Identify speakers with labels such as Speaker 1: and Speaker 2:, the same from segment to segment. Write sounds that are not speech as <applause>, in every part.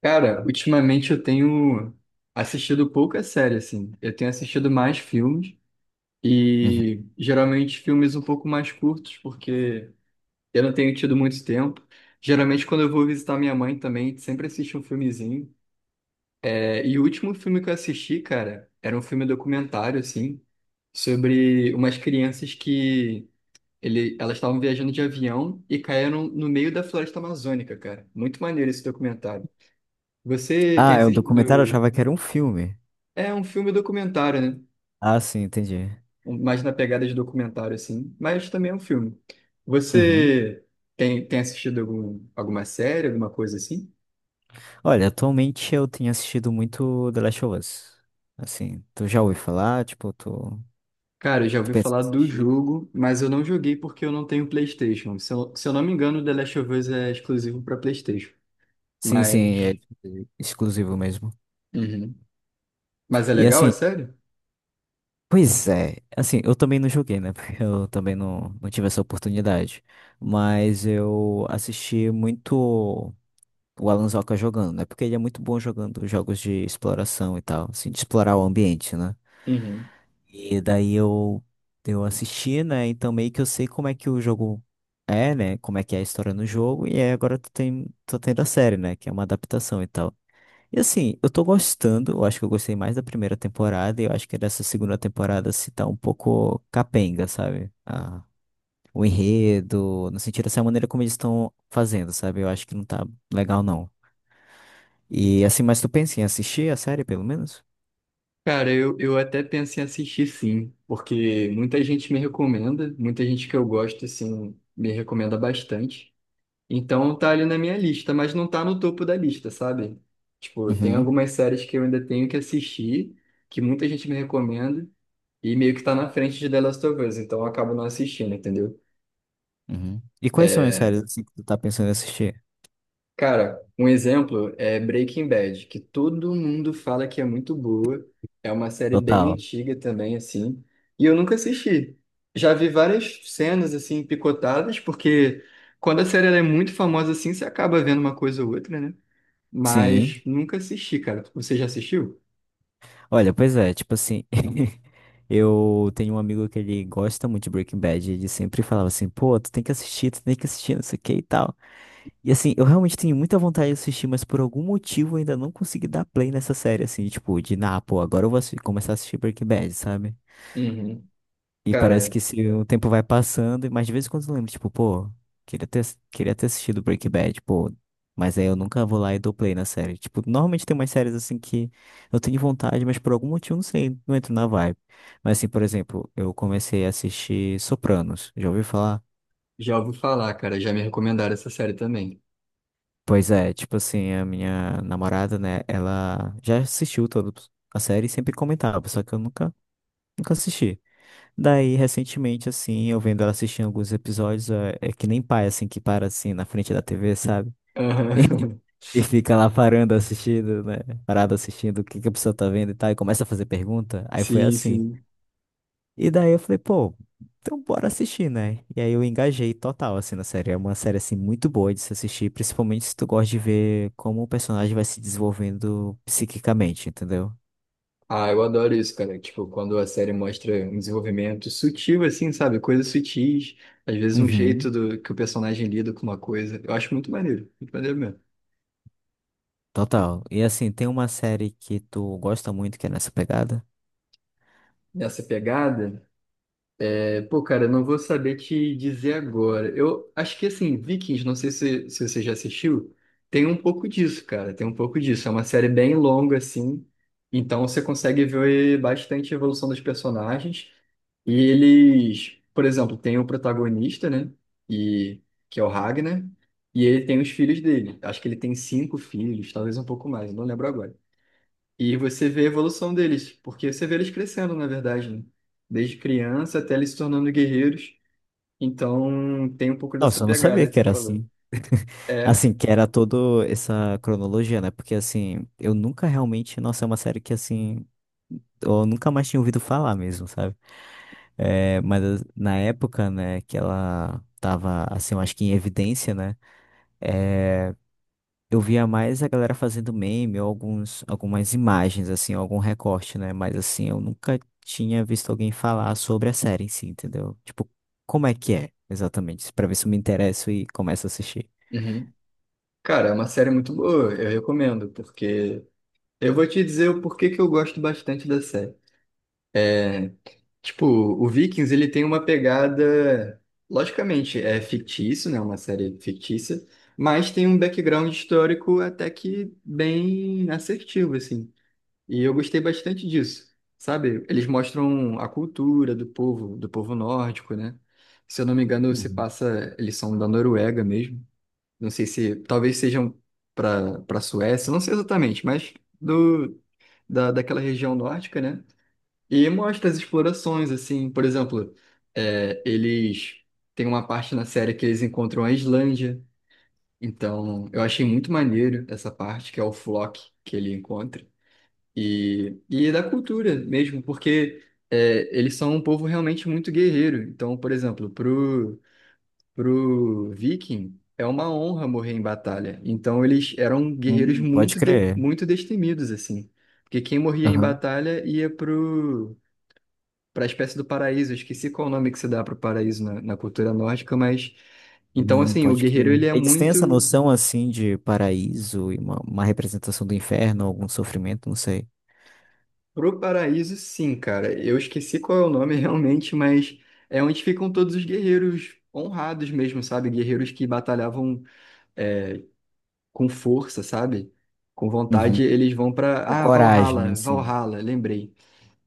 Speaker 1: Cara, ultimamente eu tenho assistido pouca série, assim. Eu tenho assistido mais filmes
Speaker 2: Uhum.
Speaker 1: e geralmente filmes um pouco mais curtos, porque eu não tenho tido muito tempo. Geralmente quando eu vou visitar minha mãe também, sempre assisto um filmezinho. É, e o último filme que eu assisti, cara, era um filme documentário, assim, sobre umas crianças que elas estavam viajando de avião e caíram no meio da floresta amazônica, cara. Muito maneiro esse documentário. Você tem
Speaker 2: Ah, é um documentário, eu
Speaker 1: assistido.
Speaker 2: achava que era um filme.
Speaker 1: É um filme documentário, né?
Speaker 2: Ah, sim, entendi.
Speaker 1: Um- mais na pegada de documentário, assim. Mas também é um filme.
Speaker 2: Uhum.
Speaker 1: Você tem assistido alguma série, alguma coisa assim?
Speaker 2: Olha, atualmente eu tenho assistido muito The Last of Us. Assim, tu já ouviu falar? Tipo, tu,
Speaker 1: Cara, eu já
Speaker 2: tu
Speaker 1: ouvi
Speaker 2: pensa em
Speaker 1: falar do
Speaker 2: assistir?
Speaker 1: jogo, mas eu não joguei porque eu não tenho PlayStation. Se eu não me engano, The Last of Us é exclusivo para PlayStation.
Speaker 2: Sim, sim, é
Speaker 1: Mas.
Speaker 2: tipo, exclusivo mesmo.
Speaker 1: Uhum. Mas é
Speaker 2: E
Speaker 1: legal, é
Speaker 2: assim,
Speaker 1: sério?
Speaker 2: pois é, assim, eu também não joguei, né? <laughs> Porque eu também não tive essa oportunidade. Mas eu assisti muito o Alan Zoka jogando, né? Porque ele é muito bom jogando jogos de exploração e tal, assim, de explorar o ambiente, né?
Speaker 1: Uhum.
Speaker 2: E daí eu assisti, né? Então meio que eu sei como é que o jogo é, né? Como é que é a história no jogo. E aí agora tô tendo a série, né? Que é uma adaptação e tal. E assim, eu tô gostando. Eu acho que eu gostei mais da primeira temporada. E eu acho que dessa segunda temporada se tá um pouco capenga, sabe? Ah, o enredo, no sentido dessa maneira como eles estão fazendo, sabe? Eu acho que não tá legal, não. E assim, mas tu pensa em assistir a série, pelo menos?
Speaker 1: Cara, eu até penso em assistir sim, porque muita gente me recomenda, muita gente que eu gosto, assim, me recomenda bastante. Então tá ali na minha lista, mas não tá no topo da lista, sabe? Tipo, tem
Speaker 2: Uhum,
Speaker 1: algumas séries que eu ainda tenho que assistir, que muita gente me recomenda, e meio que tá na frente de The Last of Us, então eu acabo não assistindo, entendeu?
Speaker 2: uhum. E quais são as
Speaker 1: É,
Speaker 2: séries assim, que tu tá pensando em assistir?
Speaker 1: cara, um exemplo é Breaking Bad, que todo mundo fala que é muito boa. É uma série bem
Speaker 2: Total.
Speaker 1: antiga também, assim, e eu nunca assisti. Já vi várias cenas, assim, picotadas, porque quando a série ela é muito famosa, assim, você acaba vendo uma coisa ou outra, né?
Speaker 2: Sim.
Speaker 1: Mas nunca assisti, cara. Você já assistiu?
Speaker 2: Olha, pois é, tipo assim, <laughs> eu tenho um amigo que ele gosta muito de Breaking Bad, e ele sempre falava assim, pô, tu tem que assistir, tu tem que assistir, não sei o que e tal. E assim, eu realmente tenho muita vontade de assistir, mas por algum motivo eu ainda não consegui dar play nessa série, assim, tipo, de, ah, pô, agora eu vou começar a assistir Breaking Bad, sabe?
Speaker 1: Uhum.
Speaker 2: E parece
Speaker 1: Cara,
Speaker 2: que se o tempo vai passando, mas de vez em quando eu lembro, tipo, pô, queria ter, queria ter assistido Breaking Bad, pô, mas aí eu nunca vou lá e dou play na série. Tipo, normalmente tem umas séries assim que eu tenho vontade, mas por algum motivo, não sei, não entro na vibe. Mas assim, por exemplo, eu comecei a assistir Sopranos, já ouviu falar?
Speaker 1: já ouvi falar, cara. Já me recomendaram essa série também.
Speaker 2: Pois é, tipo assim, a minha namorada, né, ela já assistiu toda a série e sempre comentava, só que eu nunca assisti. Daí, recentemente, assim, eu vendo ela assistindo alguns episódios, é que nem pai, assim, que para, assim, na frente da TV, sabe? <laughs>
Speaker 1: Aham.
Speaker 2: E fica lá parando, assistindo, né? Parado assistindo o que que a pessoa tá vendo e tal, e começa a fazer pergunta. Aí foi
Speaker 1: <laughs> Sim,
Speaker 2: assim.
Speaker 1: sim.
Speaker 2: E daí eu falei, pô, então bora assistir, né? E aí eu engajei total, assim, na série. É uma série, assim, muito boa de se assistir, principalmente se tu gosta de ver como o personagem vai se desenvolvendo psiquicamente, entendeu?
Speaker 1: Ah, eu adoro isso, cara. Tipo, quando a série mostra um desenvolvimento sutil, assim, sabe? Coisas sutis, às vezes um
Speaker 2: Uhum.
Speaker 1: jeito do, que o personagem lida com uma coisa. Eu acho muito maneiro mesmo.
Speaker 2: Total. E assim, tem uma série que tu gosta muito que é nessa pegada?
Speaker 1: Nessa pegada. É, pô, cara, não vou saber te dizer agora. Eu acho que, assim, Vikings, não sei se, se você já assistiu, tem um pouco disso, cara, tem um pouco disso. É uma série bem longa, assim, então você consegue ver bastante a evolução dos personagens. E eles, por exemplo, tem o protagonista, né? E que é o Ragnar, e ele tem os filhos dele. Acho que ele tem 5 filhos, talvez um pouco mais, não lembro agora. E você vê a evolução deles, porque você vê eles crescendo, na verdade, né? Desde criança até eles se tornando guerreiros. Então, tem um pouco dessa
Speaker 2: Nossa, eu não sabia
Speaker 1: pegada que
Speaker 2: que
Speaker 1: você
Speaker 2: era
Speaker 1: falou.
Speaker 2: assim. <laughs>
Speaker 1: É,
Speaker 2: Assim, que era toda essa cronologia, né? Porque, assim, eu nunca realmente. Nossa, é uma série que, assim. Eu nunca mais tinha ouvido falar mesmo, sabe? É, mas na época, né, que ela tava, assim, eu acho que em evidência, né? Eu via mais a galera fazendo meme ou algumas imagens, assim, algum recorte, né? Mas, assim, eu nunca tinha visto alguém falar sobre a série em si, entendeu? Tipo, como é que é, exatamente? Pra ver se eu me interesso e começo a assistir.
Speaker 1: uhum. Cara, é uma série muito boa, eu recomendo, porque eu vou te dizer o porquê que eu gosto bastante da série. É, tipo, o Vikings, ele tem uma pegada, logicamente, é fictício, né? Uma série fictícia, mas tem um background histórico até que bem assertivo, assim. E eu gostei bastante disso, sabe? Eles mostram a cultura do povo nórdico, né? Se eu não me engano, se passa, eles são da Noruega mesmo. Não sei se, talvez sejam para para Suécia, não sei exatamente, mas do daquela região nórdica, né? E mostra as explorações, assim, por exemplo, eles tem uma parte na série que eles encontram a Islândia. Então, eu achei muito maneiro essa parte que é o Flock que ele encontra. E da cultura mesmo, porque eles são um povo realmente muito guerreiro. Então, por exemplo, pro viking é uma honra morrer em batalha. Então, eles eram guerreiros
Speaker 2: Pode
Speaker 1: muito, de-
Speaker 2: crer.
Speaker 1: muito destemidos, assim. Porque quem morria em
Speaker 2: Aham.
Speaker 1: batalha ia pro, pra espécie do paraíso. Eu esqueci qual o nome que se dá pro paraíso na, na cultura nórdica, mas... Então, assim, o
Speaker 2: Pode
Speaker 1: guerreiro
Speaker 2: crer.
Speaker 1: ele é
Speaker 2: Eles têm essa
Speaker 1: muito.
Speaker 2: noção assim de paraíso e uma representação do inferno, algum sofrimento, não sei.
Speaker 1: Pro paraíso, sim, cara. Eu esqueci qual é o nome <laughs> realmente, mas é onde ficam todos os guerreiros honrados mesmo, sabe? Guerreiros que batalhavam é, com força, sabe? Com
Speaker 2: Uhum.
Speaker 1: vontade, eles vão para.
Speaker 2: Com
Speaker 1: Ah,
Speaker 2: coragem,
Speaker 1: Valhalla,
Speaker 2: assim.
Speaker 1: Valhalla, lembrei.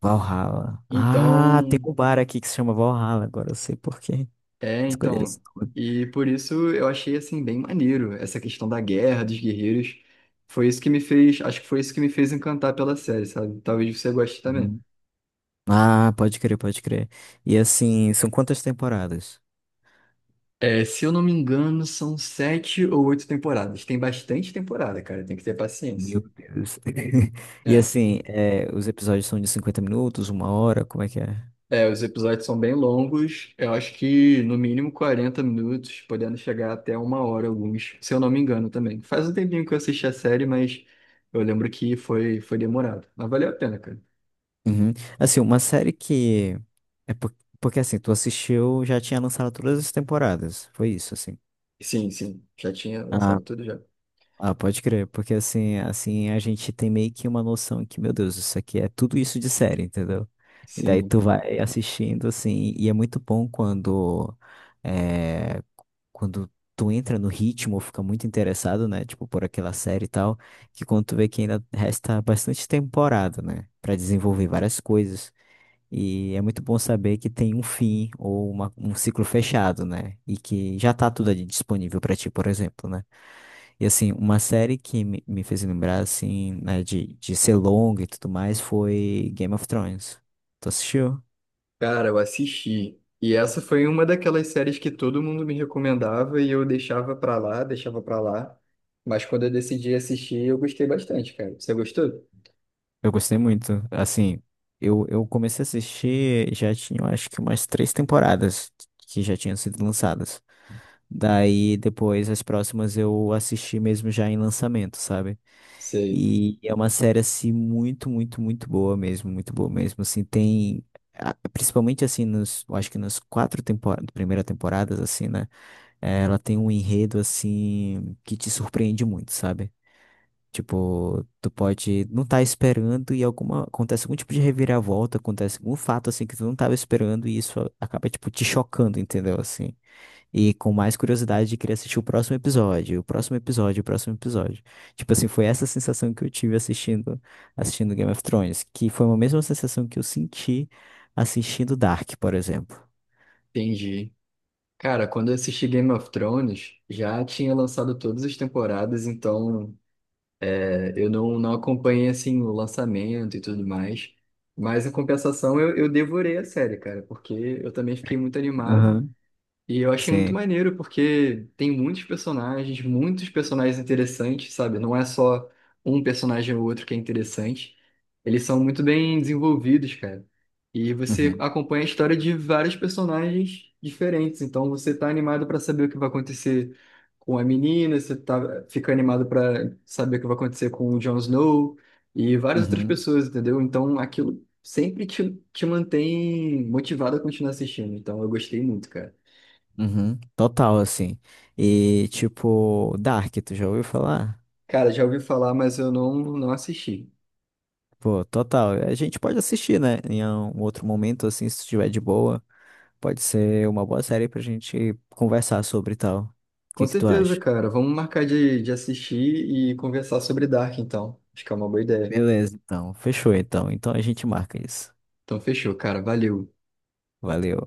Speaker 2: Valhalla. Ah, tem
Speaker 1: Então,
Speaker 2: um bar aqui que se chama Valhalla, agora eu sei por que
Speaker 1: é,
Speaker 2: escolheram esse
Speaker 1: então.
Speaker 2: nome.
Speaker 1: E por isso eu achei, assim, bem maneiro essa questão da guerra, dos guerreiros. Foi isso que me fez, acho que foi isso que me fez encantar pela série, sabe? Talvez você goste também.
Speaker 2: Uhum. Ah, pode crer, pode crer. E assim, são quantas temporadas?
Speaker 1: É, se eu não me engano, são 7 ou 8 temporadas. Tem bastante temporada, cara. Tem que ter paciência.
Speaker 2: Meu Deus. <laughs> E
Speaker 1: É.
Speaker 2: assim, é, os episódios são de 50 minutos, uma hora, como é que é?
Speaker 1: É, os episódios são bem longos. Eu acho que no mínimo 40 minutos, podendo chegar até 1 hora alguns, se eu não me engano também. Faz um tempinho que eu assisti a série, mas eu lembro que foi, foi demorado. Mas valeu a pena, cara.
Speaker 2: Uhum. Assim, uma série que. É por- Porque assim, tu assistiu, já tinha lançado todas as temporadas. Foi isso, assim.
Speaker 1: Sim, sim. Já tinha
Speaker 2: Ah,
Speaker 1: lançado tudo já.
Speaker 2: ah, pode crer. Porque assim, a gente tem meio que uma noção que, meu Deus, isso aqui é tudo isso de série, entendeu? E daí
Speaker 1: Sim.
Speaker 2: tu vai assistindo, assim, e é muito bom quando. É... Quando tu entra no ritmo, fica muito interessado, né? Tipo, por aquela série e tal, que quando tu vê que ainda resta bastante temporada, né? Pra desenvolver várias coisas. E é muito bom saber que tem um fim ou um ciclo fechado, né? E que já tá tudo ali disponível pra ti, por exemplo, né? E assim, uma série que me fez lembrar, assim, né, de ser longa e tudo mais foi Game of Thrones. Tu assistiu?
Speaker 1: Cara, eu assisti. E essa foi uma daquelas séries que todo mundo me recomendava e eu deixava pra lá, deixava pra lá. Mas quando eu decidi assistir, eu gostei bastante, cara. Você gostou?
Speaker 2: Eu gostei muito. Assim, eu comecei a assistir, já tinha, eu acho que umas três temporadas que já tinham sido lançadas. Daí, depois, as próximas eu assisti mesmo já em lançamento, sabe?
Speaker 1: Sei,
Speaker 2: E é uma série, assim, muito, muito, muito boa mesmo, assim, tem, principalmente, assim, eu acho que nas quatro temporadas, primeira temporadas, assim, né, ela tem um enredo, assim, que te surpreende muito, sabe? Tipo, tu pode não estar esperando e acontece algum tipo de reviravolta, acontece algum fato, assim, que tu não tava esperando e isso acaba, tipo, te chocando, entendeu, assim? E com mais curiosidade de querer assistir o próximo episódio, o próximo episódio, o próximo episódio. Tipo assim, foi essa sensação que eu tive assistindo Game of Thrones, que foi a mesma sensação que eu senti assistindo Dark, por exemplo.
Speaker 1: entendi. Cara, quando eu assisti Game of Thrones, já tinha lançado todas as temporadas, então eu não, não acompanhei assim o lançamento e tudo mais. Mas em compensação, eu devorei a série, cara, porque eu também fiquei muito animado.
Speaker 2: Aham.
Speaker 1: E eu achei muito
Speaker 2: Sim.
Speaker 1: maneiro, porque tem muitos personagens interessantes, sabe? Não é só um personagem ou outro que é interessante. Eles são muito bem desenvolvidos, cara. E você
Speaker 2: Uhum,
Speaker 1: acompanha a história de vários personagens diferentes. Então você tá animado para saber o que vai acontecer com a menina, você tá, fica animado para saber o que vai acontecer com o Jon Snow e várias outras
Speaker 2: uhum,
Speaker 1: pessoas, entendeu? Então aquilo sempre te, te mantém motivado a continuar assistindo. Então eu gostei muito, cara.
Speaker 2: uhum. Total, assim. E, tipo, Dark, tu já ouviu falar?
Speaker 1: Cara, já ouvi falar, mas eu não, não assisti.
Speaker 2: Pô, total. A gente pode assistir, né? Em um outro momento, assim, se estiver de boa. Pode ser uma boa série pra gente conversar sobre e tal. O
Speaker 1: Com
Speaker 2: que que tu
Speaker 1: certeza,
Speaker 2: acha?
Speaker 1: cara. Vamos marcar de assistir e conversar sobre Dark, então. Acho que é uma boa ideia.
Speaker 2: Beleza, então. Fechou, então. Então a gente marca isso.
Speaker 1: Então, fechou, cara. Valeu.
Speaker 2: Valeu.